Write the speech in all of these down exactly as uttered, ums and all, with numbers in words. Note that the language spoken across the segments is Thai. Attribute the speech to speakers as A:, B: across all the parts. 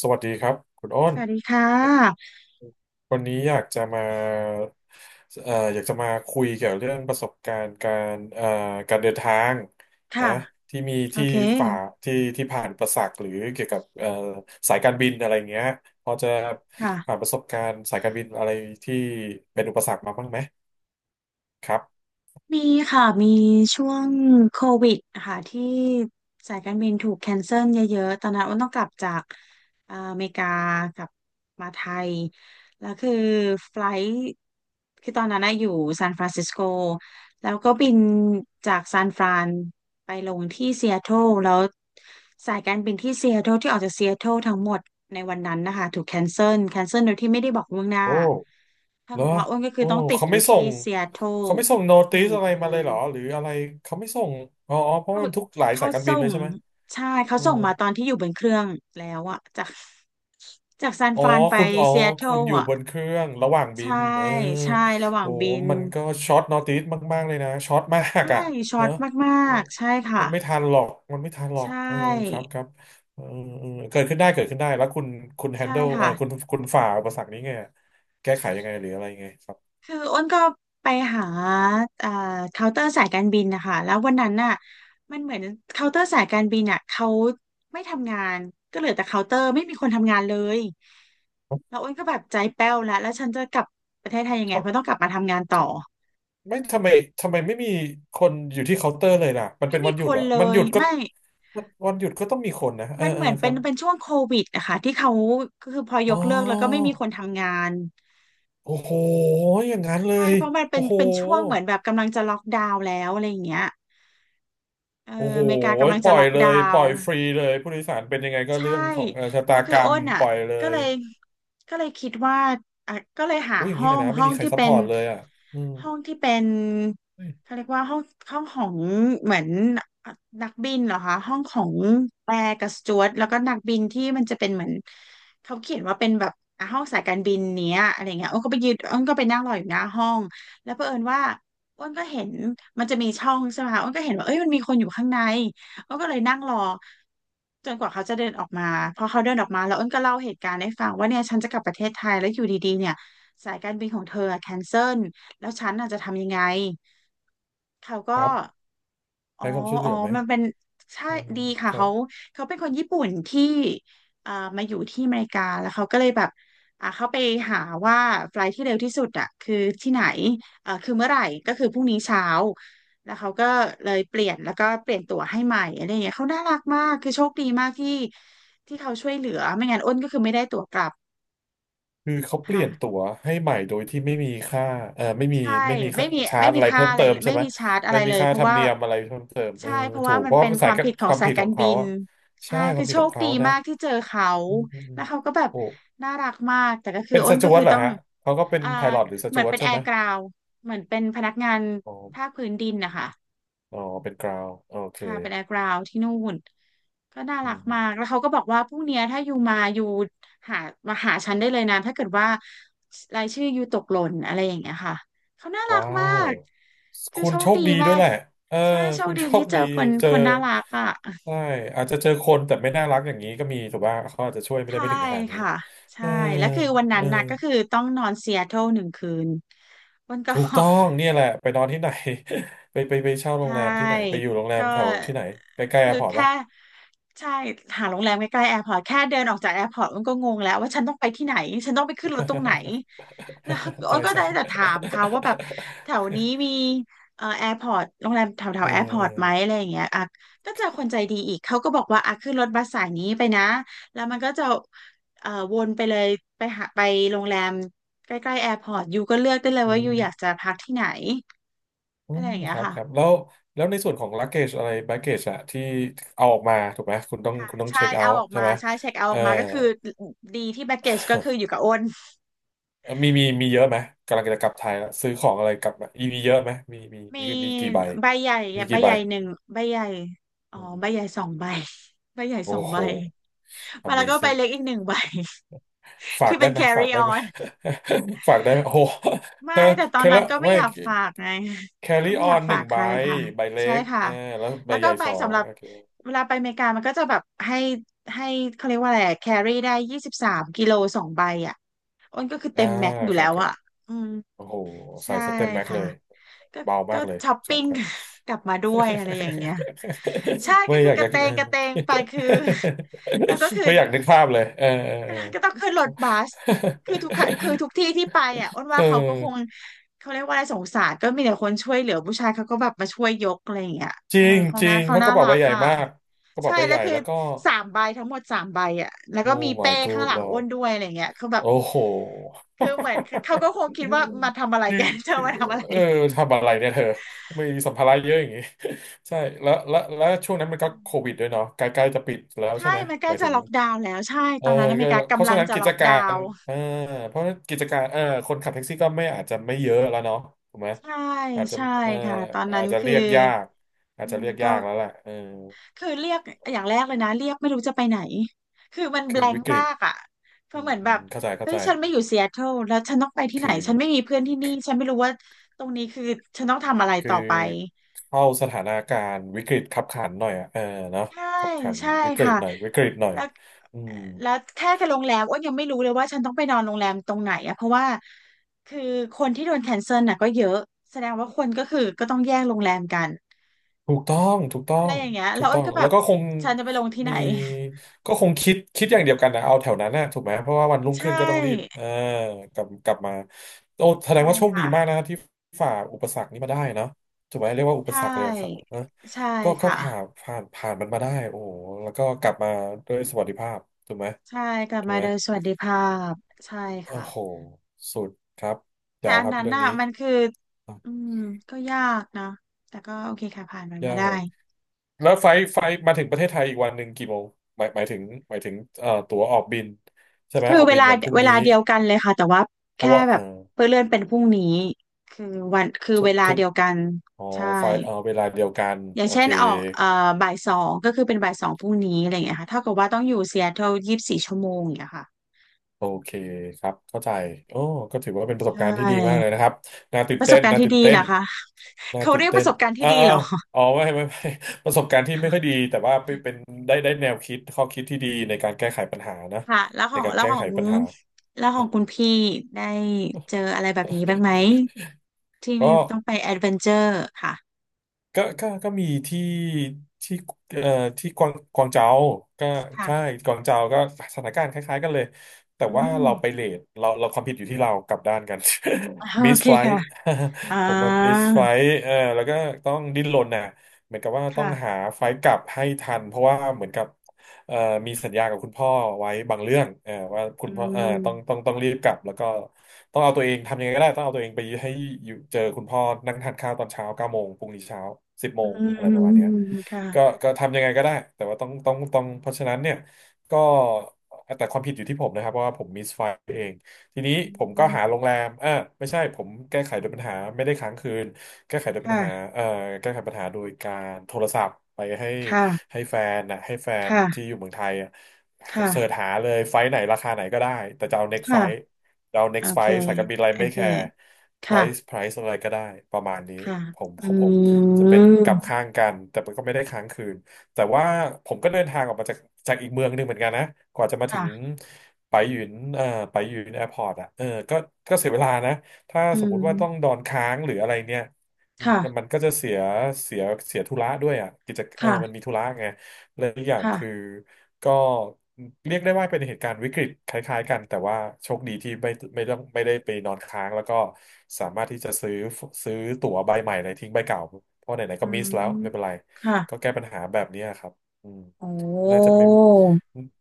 A: สวัสดีครับคุณอ้
B: ส
A: น
B: วัสดีค่ะ
A: วันนี้อยากจะมาเอ่ออยากจะมาคุยเกี่ยวเรื่องประสบการณ์การเอ่อการเดินทาง
B: ค่ะ
A: นะที่มี
B: โอ
A: ที่
B: เค
A: ฝ่าที่ที่ผ่านอุประสักหรือเกี่ยวกับเอ่อสายการบินอะไรเงี้ยพอจะผ่าน
B: ค่ะ
A: ประสบการณ์สายการบินอะไรที่เป็นอุปสรรคมาบ้างไหมครับ
B: มีค่ะมีช่วงโควิดค่ะที่สายการบินถูกแคนเซิลเยอะๆตอนนั้นอ้นต้องกลับจากอ่าอเมริกากลับมาไทยแล้วคือไฟลท์คือตอนนั้นนะอยู่ซานฟรานซิสโกแล้วก็บินจากซานฟรานไปลงที่ซีแอตเทิลแล้วสายการบินที่ซีแอตเทิลที่ออกจากซีแอตเทิลทั้งหมดในวันนั้นนะคะถูกแคนเซิลแคนเซิลโดยที่ไม่ได้บอกล่วงหน้า
A: โอ้
B: ถ้า
A: เหร
B: กั
A: อ
B: บว่าอ้วนก็คื
A: โอ้
B: อต้องติด
A: เขา
B: อยู่
A: ไม่ส่
B: ที่
A: ง
B: ซีแอตเทิล
A: เขาไม่ส่งโน
B: ห
A: ติ
B: นึ่
A: ส
B: ง
A: อะไร
B: คื
A: มาเลย
B: น
A: เหรอหรืออะไรเขาไม่ส่งอ๋ออ๋อเพราะ
B: เขา
A: ว่ามันทุกหลาย
B: เขา
A: สายการบิ
B: ส่
A: นเล
B: ง
A: ยใช่ไหม
B: ใช่เขา
A: อ๋อ
B: ส่งมาตอนที่อยู่บนเครื่องแล้วอะจากจากซาน
A: อ๋อ
B: ฟรานไป
A: คุณอ๋อ
B: ซีแอตเทิ
A: คุ
B: ล
A: ณอยู่
B: อะ
A: บนเครื่องระหว่างบิ
B: ใช่
A: นเออ
B: ใช่ระหว่า
A: โอ้
B: งบิน
A: มันก็ช็อตนอติสมากๆเลยนะช็อตมาก
B: ใช่
A: อ่ะ
B: ช็
A: เน
B: อต
A: อะ
B: มา
A: เออ
B: กๆใช่ค่ะ
A: มันไม่ทันหรอกมันไม่ทันหรอ
B: ใช
A: กเออครั
B: ่
A: บครับเออเออเกิดขึ้นได้เกิดขึ้นได้แล้วคุณคุณแฮน
B: ใช่
A: เดิลเอ
B: ค่ะ
A: อคุณคุณฝ่าอุปสรรคนี้ไงแก้ไขยังไงหรืออะไรยังไงครับ
B: คืออ้นก็ไปหาเอ่อเคาน์เตอร์สายการบินนะคะแล้ววันนั้นน่ะมันเหมือนเคาน์เตอร์สายการบินอ่ะเขาไม่ทำงานก็เหลือแต่เคาน์เตอร์ไม่มีคนทำงานเลยแล้วอ้นก็แบบใจแป้วแล้วแล้วฉันจะกลับประเทศไทยยัง
A: ท
B: ไงเพราะต้องกลับ
A: ำ
B: มาทำงาน
A: ท
B: ต่อ
A: ำไม่ทำไมทำไมไม่มีคนอยู่ที่เคาน์เตอร์เลยล่ะมันเป็
B: ไม่
A: น
B: มี
A: วันหยุ
B: ค
A: ดเห
B: น
A: รอ
B: เล
A: มันห
B: ย
A: ยุดก็
B: ไม่
A: วันหยุดก็ต้องมีคนนะเออ
B: มัน
A: เอ
B: เห
A: อ
B: มือน
A: ค
B: เป็
A: รั
B: น
A: บ
B: เป็นช่วงโควิดนะคะที่เขาคือพอย
A: อ๋อ
B: กเลิกแล้วก็ไม่มีคนทำงาน
A: โอ้โหอย่างนั้นเล
B: ใช่
A: ย
B: เพราะมันเป็
A: โอ้
B: น
A: โห
B: เป็นช่วงเหมือนแบบกำลังจะล็อกดาวน์แล้วอะไรอย่างเงี้ยเออ
A: โอ้โห
B: อเมริกากำลัง
A: ป
B: จะ
A: ล่อ
B: ล็
A: ย
B: อก
A: เล
B: ดา
A: ยป
B: ว
A: ล่อ
B: น์
A: ยฟรีเลยผู้โดยสารเป็นยังไงก็
B: ใช่
A: เรื่องของเอ่อชะ
B: แล้
A: ตา
B: วคื
A: ก
B: อ
A: ร
B: อ้
A: รม
B: นอ่ะ
A: ปล่อยเล
B: ก็เล
A: ย
B: ยก็เลยคิดว่าอ่ะก็เลยหา
A: โอ้ยอย่าง
B: ห้
A: นี้
B: อ
A: เลย
B: ง
A: นะไม่
B: ห้อ
A: มี
B: ง
A: ใคร
B: ที่
A: ซัพ
B: เป็
A: พอ
B: น
A: ร์ตเลยอ่ะอืม
B: ห้องที่เป็น
A: เฮ้ย
B: เขาเรียกว่าห้องห้องของเหมือนนักบินเหรอคะห้องของแอร์กับสจ๊วตแล้วก็นักบินที่มันจะเป็นเหมือนเขาเขียนว่าเป็นแบบอ่ะห้องสายการบินเนี้ยอะไรเงี้ยอ้นก็ไปยืนอ้นก็ไปนั่งรออยู่หน้าห้องแล้วเผอิญว่าอ้นก็เห็นมันจะมีช่องใช่ไหมคะอ้นก็เห็นว่าเอ้ยมันมีคนอยู่ข้างใน อ้นก็เลยนั่งรอจนกว่าเขาจะเดินออกมาพอเขาเดินออกมาแล้วอ้นก็เล่าเหตุการณ์ให้ฟังว่าเนี่ยฉันจะกลับประเทศไทยแล้วอยู่ดีๆเนี่ยสายการบินของเธอแคนเซิลแล้วฉันน่ะจะทำยังไงเขา
A: ค
B: ก็
A: รับ
B: อ๋อ
A: ให้ความช่วยเห
B: อ๋
A: ลื
B: อ
A: อไหม
B: มันเป็นใช่
A: อ๋อ
B: ดีค่ะ
A: ครับ
B: เขาเขาเป็นคนญี่ปุ่นที่อ่ามาอยู่ที่อเมริกาแล้วเขาก็เลยแบบอ่าเขาไปหาว่าไฟล์ที่เร็วที่สุดอ่ะคือที่ไหนอ่าคือเมื่อไหร่ก็คือพรุ่งนี้เช้าแล้วเขาก็เลยเปลี่ยนแล้วก็เปลี่ยนตั๋วให้ใหม่อะไรอย่างเงี้ยเขาน่ารักมากคือโชคดีมากที่ที่เขาช่วยเหลือไม่งั้นอ้นก็คือไม่ได้ตั๋วกลับ
A: คือเขาเปลี่
B: ค่ะ
A: ยนตั๋วให้ใหม่โดยที่ไม่มีค่า เอ่อไม่มี
B: ใช่
A: ไม่มี
B: ไม่
A: ค่า
B: มี
A: ชา
B: ไม่
A: ร์จ
B: มี
A: อะไร
B: ค่า
A: เพิ่ม
B: อะไร
A: เติม
B: เลย
A: ใช่
B: ไม่
A: ไหม
B: มีชาร์จอะ
A: ไม่
B: ไร
A: มี
B: เลย
A: ค่า
B: เพ
A: ธ
B: ราะ
A: รรม
B: ว่า
A: เนียมอะไรเพิ่มเติมเอ
B: ใช่
A: อ
B: เพราะ
A: ถู
B: ว่า
A: ก
B: มั
A: เพ
B: น
A: ราะ
B: เป็
A: ว่า
B: น
A: เป็น
B: ค
A: สา
B: วา
A: ย
B: ม
A: กับ
B: ผิดขอ
A: ค
B: ง
A: วาม
B: สา
A: ผิ
B: ย
A: ดข
B: กา
A: อ
B: ร
A: ง
B: บิ
A: เขา
B: น
A: อะ
B: ใช่
A: ใช่ค
B: คื
A: วาม
B: อ
A: ผิ
B: โช
A: ดขอ
B: ค
A: ง
B: ดี
A: เขานะ
B: มากที่เจอเขา
A: อืมอืมอื
B: แล้
A: ม
B: วเขาก็แบบ
A: โอ้
B: น่ารักมากแต่ก็คือ
A: เป็น
B: อ้
A: ส
B: นก็
A: จ๊ว
B: คื
A: ต
B: อ
A: เหรอ
B: ต้อง
A: ฮะ เขาก็เป็น
B: อ่า
A: ไพลอตหรือส
B: เหมื
A: จ๊
B: อน
A: วต
B: เป็น
A: ใช่
B: แอ
A: ไหม
B: ร์กราวเหมือนเป็นพนักงาน
A: อ๋อ
B: ภาคพื้นดินนะคะ
A: อ๋อ เป็นกราวโอเค
B: ค่ะเป็นแอร์กราวที่นู่นก็น่า
A: อื
B: รักมาก
A: ม
B: แล้วเขาก็บอกว่าพรุ่งเนี้ยถ้ายูมายูหามาหาฉันได้เลยนะถ้าเกิดว่ารายชื่อยูตกหล่นอะไรอย่างเงี้ยค่ะเขาน่ารัก
A: ว้า
B: มา
A: ว
B: กคือ
A: คุณ
B: โชค
A: โชค
B: ดี
A: ดี
B: มา
A: ด้วย
B: ก
A: แหละเออ
B: ใช่โช
A: คุ
B: ค
A: ณ
B: ดี
A: โช
B: ที่
A: ค
B: เจ
A: ดี
B: อคน
A: เจอ
B: คนน่ารักอ่ะ
A: ใช่อาจจะเจอคนแต่ไม่น่ารักอย่างนี้ก็มีถูกป่ะเขาอาจจะช่วยไม่ได้
B: ใช่
A: ไม่ถึงขนาดนี้
B: ค่ะ
A: เอ
B: ใช่
A: อ
B: แล้วคือวัน
A: เอ
B: นั้
A: อ
B: นน่ะก็คือต้องนอนซีแอตเทิลหนึ่งคืนวันก่อ
A: ถูกต้
B: น
A: องเนี่ยแหละ ไปนอนที่ไหน ไปไปไปเช่า
B: ใช
A: โรงแรมที่ไหน ไป
B: ่
A: อยู่โรงแรม
B: ก็
A: แถวที่ไหนใกล้ๆแอ
B: คือ
A: ร์พอร์ต
B: แค่
A: ปะ
B: ใช่หาโรงแรมใกล้ๆแอร์พอร์ตแค่เดินออกจากแอร์พอร์ตมันก็งงแล้วว่าฉันต้องไปที่ไหนฉันต้องไปขึ้นรถตรงไหนแล้ว อ้
A: ใช่
B: นก็
A: ใช่
B: ได้แต่ถามเขาว่าแบบแถวนี้มีเอ่อแอร์พอร์ตโรงแรมแถวแถ
A: เอ
B: ว
A: อ
B: แอร์พอ
A: เอ
B: ร์
A: อ
B: ตไหมอะไรอย่างเงี้ยอ่ะก็เจอคนใจดีอีกเขาก็บอกว่าอ่ะขึ้นรถบัสสายนี้ไปนะแล้วมันก็จะเอ่อวนไปเลยไปหาไปโรงแรมใกล้ๆแอร์พอร์ตยูก็เลือกได้เลย
A: อื
B: ว่ายูอยาก
A: ม
B: จะพักที่ไหน
A: อื
B: อะไร
A: ม
B: อย่างเงี้
A: ค
B: ย
A: รับ
B: ค่ะ
A: ครับแล้วแล้วในส่วนของ luggage อะไร baggage อะที่เอาออกมาถูกไหมคุณต้องคุณต้อง
B: ใช่
A: เช็คเอา
B: เอา
A: ท์
B: ออก
A: ใช่
B: มา
A: ไหม
B: ใช่เช็คเอา
A: เอ
B: อ
A: อ
B: อกมาก็คือ ดีที่แบ็กเกจก็คืออยู่กับอ้น
A: เอ่อ มีมีมีเยอะไหมกำลังจะกลับไทยแล้วซื้อของอะไรกลับมามีมีเยอะไหมมีมี
B: มี
A: มีมีกี่ใบ
B: ใบใหญ่
A: มี
B: อะใบ
A: กี่
B: ให
A: ใบ
B: ญ่หนึ่งใบใหญ่อ๋อ
A: อืม
B: ใบใหญ่สองใบใบใหญ่สอ
A: โอ้
B: ง
A: โห
B: ใบมาแล้วก็ใบ
A: Amazing
B: เล็กอีกหนึ่งใบ
A: ฝาก
B: ที่เป็
A: ได้
B: น
A: ไหมฝา
B: carry
A: กได้ไหม
B: on
A: ฝากได้ไหมโอ้โห
B: ไม่
A: เออ
B: แต่ตอน
A: แค่
B: นั้น
A: ละ
B: ก็ไม่
A: ไม่
B: อยากฝากไงก็
A: carry
B: ไม่อยาก
A: on ห
B: ฝา
A: นึ่
B: ก
A: ง
B: ใค
A: ใบ
B: รค่ะ
A: ใบเล็
B: ใช่
A: ก
B: ค่ะ
A: เออแล้วใบ
B: แล้ว
A: ให
B: ก็
A: ญ่
B: ใบ
A: สอง
B: สำหรับ
A: โอเค
B: เวลาไปอเมริกามันก็จะแบบให้ให้เขาเรียกว่าอะไรแครี่ได้ยี่สิบสามกิโลสองใบอ่ะอ้นก็คือเต็
A: อ่า
B: มแม็กซ์อยู่
A: ค
B: แล้
A: รับ
B: ว
A: ครับ
B: อ่ะอืม
A: โอ้โหใส่
B: ใช่
A: สเต็มแม็ก
B: ค่ะ
A: เลย
B: ก็
A: เบา
B: ก็
A: มากเลย
B: ช้อป
A: ครั
B: ปิ้
A: บ
B: ง
A: ครับ
B: กลับมาด้วยอะไรอย่างเงี้ย ใช่
A: ไม่
B: ก็คื
A: อ
B: อ
A: ยาก
B: ก
A: จะ
B: ระเต
A: เอ
B: ง
A: อ
B: กระเตงไปคือ แล้วก็คื อ
A: ไม่อยากนึกภาพเลยเออ
B: ก็ต้องขึ้นรถบัสคือทุกคคือทุกที่ที่ไปอ่ะอ้นว่า
A: เออเออ
B: เขา ก็คง
A: เออ
B: เขาเรียกว่าอะไรสงสารก็มีแต่คนช่วยเหลือผู้ชายเขาก็แบบมาช่วยยกอะไรอย่างเงี้ย
A: จ
B: เอ
A: ริ
B: อ
A: ง
B: เขา
A: จริ
B: น่า
A: ง
B: เขา
A: เพราะก
B: น่า
A: ระเป๋า
B: รั
A: ใบ
B: ก
A: ใหญ่
B: อ่ะ
A: มากกระเป๋า
B: ใช่
A: ใบให
B: แล้ว
A: ญ่
B: คือ
A: แล้วก็
B: สามใบทั้งหมดสามใบอ่ะแล้ว
A: โอ้
B: ก็มีเป้
A: my
B: ข้าง
A: good
B: หลังอ้
A: lord
B: นด้วยอะไรเงี้ยคือแบบ
A: โอ้โห
B: คือเหมือนเขาก็คงคิดว่ามาทำอะไร
A: คือ
B: กัน เธอ
A: คือ
B: มาทำอะไร
A: เออทำอะไรเนี่ยเธอมีสัมภาระเยอะอย่างงี้ ใช่แล้วแล้วแล้วช่วงนั้นมันก็โควิดด้วยเนาะใกล้ๆจะปิดแล้ว
B: ใช่
A: ใช่ไหม
B: มันใก
A: ห
B: ล้
A: มาย
B: จะ
A: ถึง
B: ล็อกดาวน์แล้ว ใช่
A: เอ
B: ต
A: อ
B: อนนั้นอเม
A: ก็
B: ริกา
A: เพราะ
B: กำลั
A: ฉะ
B: ง
A: นั้น
B: จะ
A: กิ
B: ล็
A: จ
B: อก
A: กา
B: ดา
A: ร
B: วน์
A: เออเพราะกิจการเออคนขับแท็กซี่ก็ไม่อาจจะไม่เยอะแล้วเนาะถูกไหม
B: ใช่
A: อาจจะ
B: ใช่
A: เออ
B: ค่ะตอนนั้
A: อา
B: น
A: จจะ
B: คือ
A: เรียกยากอา
B: อื
A: จจะ
B: ม
A: เรียก
B: ก็
A: ยากแล้วแหละเออ
B: คือเรียกอย่างแรกเลยนะเรียกไม่รู้จะไปไหนคือมันแบ
A: คือ
B: a ง k
A: วิกฤ
B: มา
A: ต
B: กอ่ะเพ
A: อื
B: ราะเห
A: ม
B: มือน
A: อื
B: แบ
A: ม
B: บ
A: เข้าใจเข้า
B: เฮ้
A: ใจ
B: ยฉันไม่อยู่ซีแอตเทิลแล้วฉันต้องไปที่ไหน
A: คือ
B: ฉันไม่มีเพื่อนที่นี่ฉันไม่รู้ว่าตรงนี้คือฉันต้องทำอะไร
A: คือ
B: ต่อไป
A: เข้าสถานการณ์วิกฤตคับขันหน่อยอ่ะเออเนาะ
B: ใช่
A: คับขัน
B: ใช่
A: วิกฤต
B: ค่ะ
A: หน่อยวิกฤตหน่อย
B: แล้ว
A: อืม
B: แล้วแค่กับโรงแรมอ้วนยังไม่รู้เลยว่าฉันต้องไปนอนโรงแรมตรงไหนอะเพราะว่าคือคนที่โดนแคนเซิลน่ะก็เยอะแสดงว่าคนก็คือก็ต้องแย่งโรงแรมกัน
A: ถูกต้องถูกต้อ
B: อะไร
A: ง
B: อย่างเงี้ยแล้
A: ถู
B: ว
A: ก
B: อ้ว
A: ต้อ
B: น
A: ง
B: ก็แบ
A: แล้ว
B: บ
A: ก็คง
B: ฉันจะไปลงที่ไหน
A: มีก็คงคิดคิดอย่างเดียวกันนะเอาแถวนั้นนะถูกไหมเพราะว่าวันรุ่ งขึ้
B: ใช่
A: นก็ต้องรีบเออกลับกลับมาโอ้แสด
B: ใช่
A: งว่าโชคดี
B: ค่ะ
A: มากนะที่ฝ่าอุปสรรคนี้มาได้เนาะถูกไหมเรียกว่าอุ
B: ใช
A: ปสรรคเลยครับ
B: ่
A: นะ
B: ใช่
A: ก็ก็
B: ค่ะ
A: ผ่านผ่านผ่านมันมาได้โอ้โหแล้วก็กลับมาด้วยสวัสดิภาพถูกไหม
B: ใช่กลับ
A: ถูก
B: มา
A: ไหม
B: โดยสวัสดิภาพใช่
A: โอ้
B: ค่ะ
A: โหสุดครับ
B: แต่
A: เจ๋ว
B: อั
A: ค
B: น
A: รับ
B: นั้น
A: เรื่อง
B: น่ะ
A: นี้
B: มันคืออืมก็ยากนะแต่ก็โอเคค่ะผ่านมัน
A: ยา
B: มา
A: ก
B: ได้
A: เหรอ แล้วไฟล์ไฟล์มาถึงประเทศไทยอีกวันหนึ่งกี่โมงหมายหมายถึงหมายถึงเอ่อตั๋วออกบินใช่ไหม
B: คือ
A: ออก
B: เว
A: บิน
B: ลา
A: วันพรุ่ง
B: เว
A: นี้
B: ลาเดียวกันเลยค่ะแต่ว่า
A: เพราะ
B: แค่
A: ว่า
B: แบบ
A: เอ่อ
B: เพื่อเลื่อนเป็นพรุ่งนี้คือวันคือ
A: ทุ
B: เว
A: ก
B: ลา
A: ทุก
B: เดียวกัน
A: อ๋อ
B: ใช่
A: ไฟล์เอ่อเวลาเดียวกัน
B: อย่าง
A: โอ
B: เช่
A: เค
B: นออกเอ่อบ่ายสองก็คือเป็นบ่ายสองพรุ่งนี้อะไรอย่างเงี้ยค่ะเท่ากับว่าต้องอยู่ซีแอตเทิลยี่สิบสี่ชั่วโมงอย่างเงี้ยค่ะ
A: โอเคครับเข้าใจโอ้ก็ถือว่าเป็นประส
B: ใช
A: บการณ์ที่ดีมากเลย
B: ่
A: นะครับน่าตื่
B: ป
A: น
B: ระส
A: เต้
B: บ
A: น
B: การณ์
A: น่า
B: ที่
A: ตื่น
B: ดี
A: เต้
B: เหร
A: น
B: อคะ
A: น่า
B: เขา
A: ตื่
B: เรี
A: น
B: ยกป
A: เต้น
B: ระสบการณ์ที่
A: อ่า
B: ดี
A: อา
B: เหรอ
A: อ๋อไม่ไม่ไม่ ประสบการณ์ที่ไม่ค่อยดี แต่ว่าเป็นเป็นได้ได้แนวคิดข้อคิดที่ดีในการแก้ไขปัญหานะ
B: ค่ะแล้วข
A: ใน
B: อง
A: การ
B: แล้ว
A: แก้
B: ขอ
A: ไข
B: ง
A: ปัญหา
B: แล้วของคุณพี่ได้เจออะไรแบบนี้บ้างไหมที่
A: ก็
B: มีต้องไปแอดเวนเจอร์ค่ะ
A: ก็ก็ก็มีที่ที่เอ่อที่กวางกวางเจาก็
B: ค่ะ
A: ใช่กวางเจาก็สถานการณ์คล้ายๆกันเลย แต่
B: อื
A: ว่า
B: ม
A: เราไปเลทเราเราความผิดอยู่ที่เรากลับด้านกัน มิ
B: โอ
A: ส
B: เค
A: ไฟล
B: ค่ะ อ่
A: ผมมามิส
B: า
A: ไฟลเออแล้วก็ต้องดิ้นรนน่ะเหมือนกับว่าต้อง
B: ค่ะ
A: หาไฟล์กลับให้ทัน เพราะว่าเหมือนกับ เอ่อมีสัญญากับคุณพ่อไว้บางเรื่องเอ่อว่าคุ
B: อื
A: ณพ่อเอ่อ
B: ม
A: ต้องต้องต้องรีบกลับแล้วก็ต้องเอาตัวเองทำยังไงก็ได้ต้องเอาตัวเองไปให้อยู่เจอคุณพ่อนั่งทานข้าวตอนเช้าเก้าโมงพรุ่งนี้เช้าสิบโม
B: อื
A: งอะไร
B: ม
A: ประมาณเนี้ย
B: ค่ะ
A: ก็ก็ทำยังไงก็ได้แต่ว่าต้องต้องต้องเพราะฉะนั้นเนี่ยก็แต่ความผิดอยู่ที่ผมนะครับเพราะว่าผมมิสไฟล์เองทีนี้
B: อื
A: ผมก็
B: ม
A: หาโรงแรมอ่าไม่ใช่ผมแก้ไขโดยปัญหาไม่ได้ค้างคืน แก้ไขปัญหา
B: ค่ะ
A: เอ่อแก้ไขปัญหาโดยการโทรศัพท์ไปให้
B: ค่ะ
A: ให้แฟนนะให้แฟนที่
B: ค่ะ
A: อยู่เมืองไทยอะเสิร์ช
B: ค่ะ
A: หาเลยไฟล์ไหนราคาไหนก็ได้ แต่จะเอา next
B: ค่ะ
A: flight จะเอา
B: โอ
A: next
B: เค
A: flight สายการบินอะไร
B: โอ
A: ไม่
B: เค
A: แคร์
B: ค
A: price
B: ่ะ
A: price อะไรก็ได้ประมาณนี้
B: ค่ะ
A: ผม
B: อื
A: ของผมจะเป็นกลับ
B: ม
A: ข้างกัน แต่มันก็ไม่ได้ค้างคืน แต่ว่าผมก็เดินทางออกมาจากจากอีกเมืองหนึ่งเหมือนกันนะกว่าจะมาถึง
B: ค่ะ
A: ไปหยุนเอ่อไปหยุนแอร์พอร์ตอ่ะเออก็ก็เสียเวลานะถ้า
B: อื
A: สมมุติว่าต้องด
B: ม
A: อนค้างหรืออะไรเนี่ย อืม
B: ค่ะ
A: แต่มันก็จะเสียเสียเสียธุระด้วยอ่ะกิจเออมันมี
B: ค่ะ
A: ธุระไงและอีกอย่างคือ
B: ค่ะ
A: ก็เรียกได้ว่าเป็นเหตุการณ์วิกฤตคล้ายๆกันแต่ว่าโชคดีที่ไม่ไม่ต้องไม่ได้ไปนอนค้างแล้วก็สามารถที่จะซื้อซื้อตั๋วใบใหม่เลยทิ้งใบเก่า เพราะไหนๆ
B: อื
A: ก็มิสแล้ว
B: ม
A: ไม่เป็นไร
B: ค่ะ
A: ก็แก้ปัญหาแบบนี้ครับอืม
B: โอ
A: น่า
B: ้
A: จะมี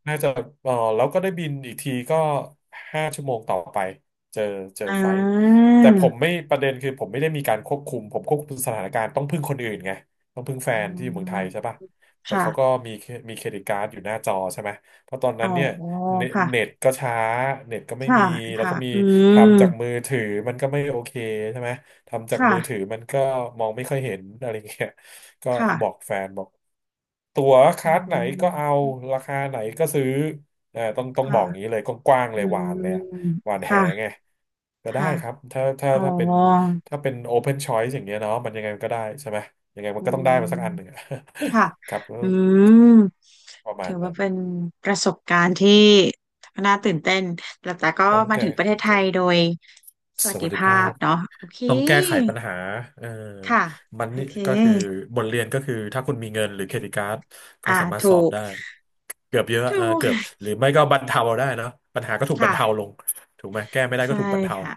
A: น่าจะเออแล้วก็ได้บินอีกทีก็ห้าชั่วโมงต่อไป เจอเจอ
B: อ่
A: ไฟท์
B: า
A: แต่ผมไม่ประเด็นคือผมไม่ได้มีการควบคุม ผมควบคุมสถานการณ์ต้องพึ่งคนอื่นไงต้องพึ่งแฟ
B: อื
A: นที่อยู่เมือง
B: ม
A: ไทยใช่ป่ะแต่
B: ค่ะ
A: เขาก็มีมีเครดิตการ์ดอยู่หน้าจอใช่ไหมเพราะตอน
B: อ๋
A: นั้
B: อ
A: นเนี่ยเน
B: ค่ะ
A: เน็ตก็ช้าเน็ตก็ไม่
B: ค่ะ
A: มีแล้ว
B: ค่ะ
A: ก็มี
B: อืม
A: ทำจากมือถือมันก็ไม่โอเคใช่ไหมทำจาก
B: ค่ะ
A: มือถือมันก็มองไม่ค่อยเห็นอะไรเงี้ยก็บอก
B: ค่ะ
A: แฟนบอกตั๋วค
B: อื
A: ลาสไหนก็เอา
B: ม
A: ราคาไหนก็ซื้อเอ่อต้องต้องบ
B: ค่ะ
A: อกอย่างนี้เลยกว้างๆ
B: อื
A: เลยหวานเลยอะ
B: ม
A: หวานแหไง
B: ค่ะ
A: ก็ได้
B: ค่ะ
A: ครับถ้าถ้า
B: อ๋อ
A: ถ้าเป็นถ้าเป็น open choice อย่างเงี้ยเนาะมันยังไงมันก็ได้ใช่ไหมยังไงมั
B: อื
A: นก็ต้องได้มา
B: ม
A: สักอันหนึ่งอะ
B: ค่ะ
A: ครับก็
B: อืม
A: ประมา
B: ถื
A: ณ
B: อว่า
A: นั้น
B: เป็นประสบการณ์ที่น่าตื่นเต้นแล้วแต่ก็
A: ต้อง
B: มา
A: แก้
B: ถึงประเท
A: ต้อ
B: ศ
A: ง
B: ไท
A: แก้
B: ยโดยส
A: ส
B: วัสดิ
A: วัสดิ
B: ภา
A: ภา
B: พ
A: พ
B: เนาะโอเค
A: ต้องแก้ไขปัญหาเออ
B: ค่ะ
A: มัน
B: โอ
A: นี่
B: เค
A: ก็คือบทเรียนก็คือถ้าคุณมีเงินหรือเครดิตการ์ดก็
B: อ่า
A: สามารถซ
B: ถู
A: อฟ
B: ก
A: ได้เกือบเยอะ
B: ถู
A: เออเกือบ
B: ก
A: หรือไม่ก็บรรเทาได้เนาะปัญหาก็ถูกบรรเทา
B: ค่ะ
A: ลงถูกไหมแก้ไม่ได้ก็
B: ใช่
A: ถูกบรรเทา
B: ค่ะ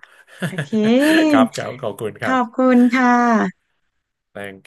B: โอเค
A: ครับครับขอบคุณค
B: ข
A: รับ
B: อบคุณค่ะ
A: Thank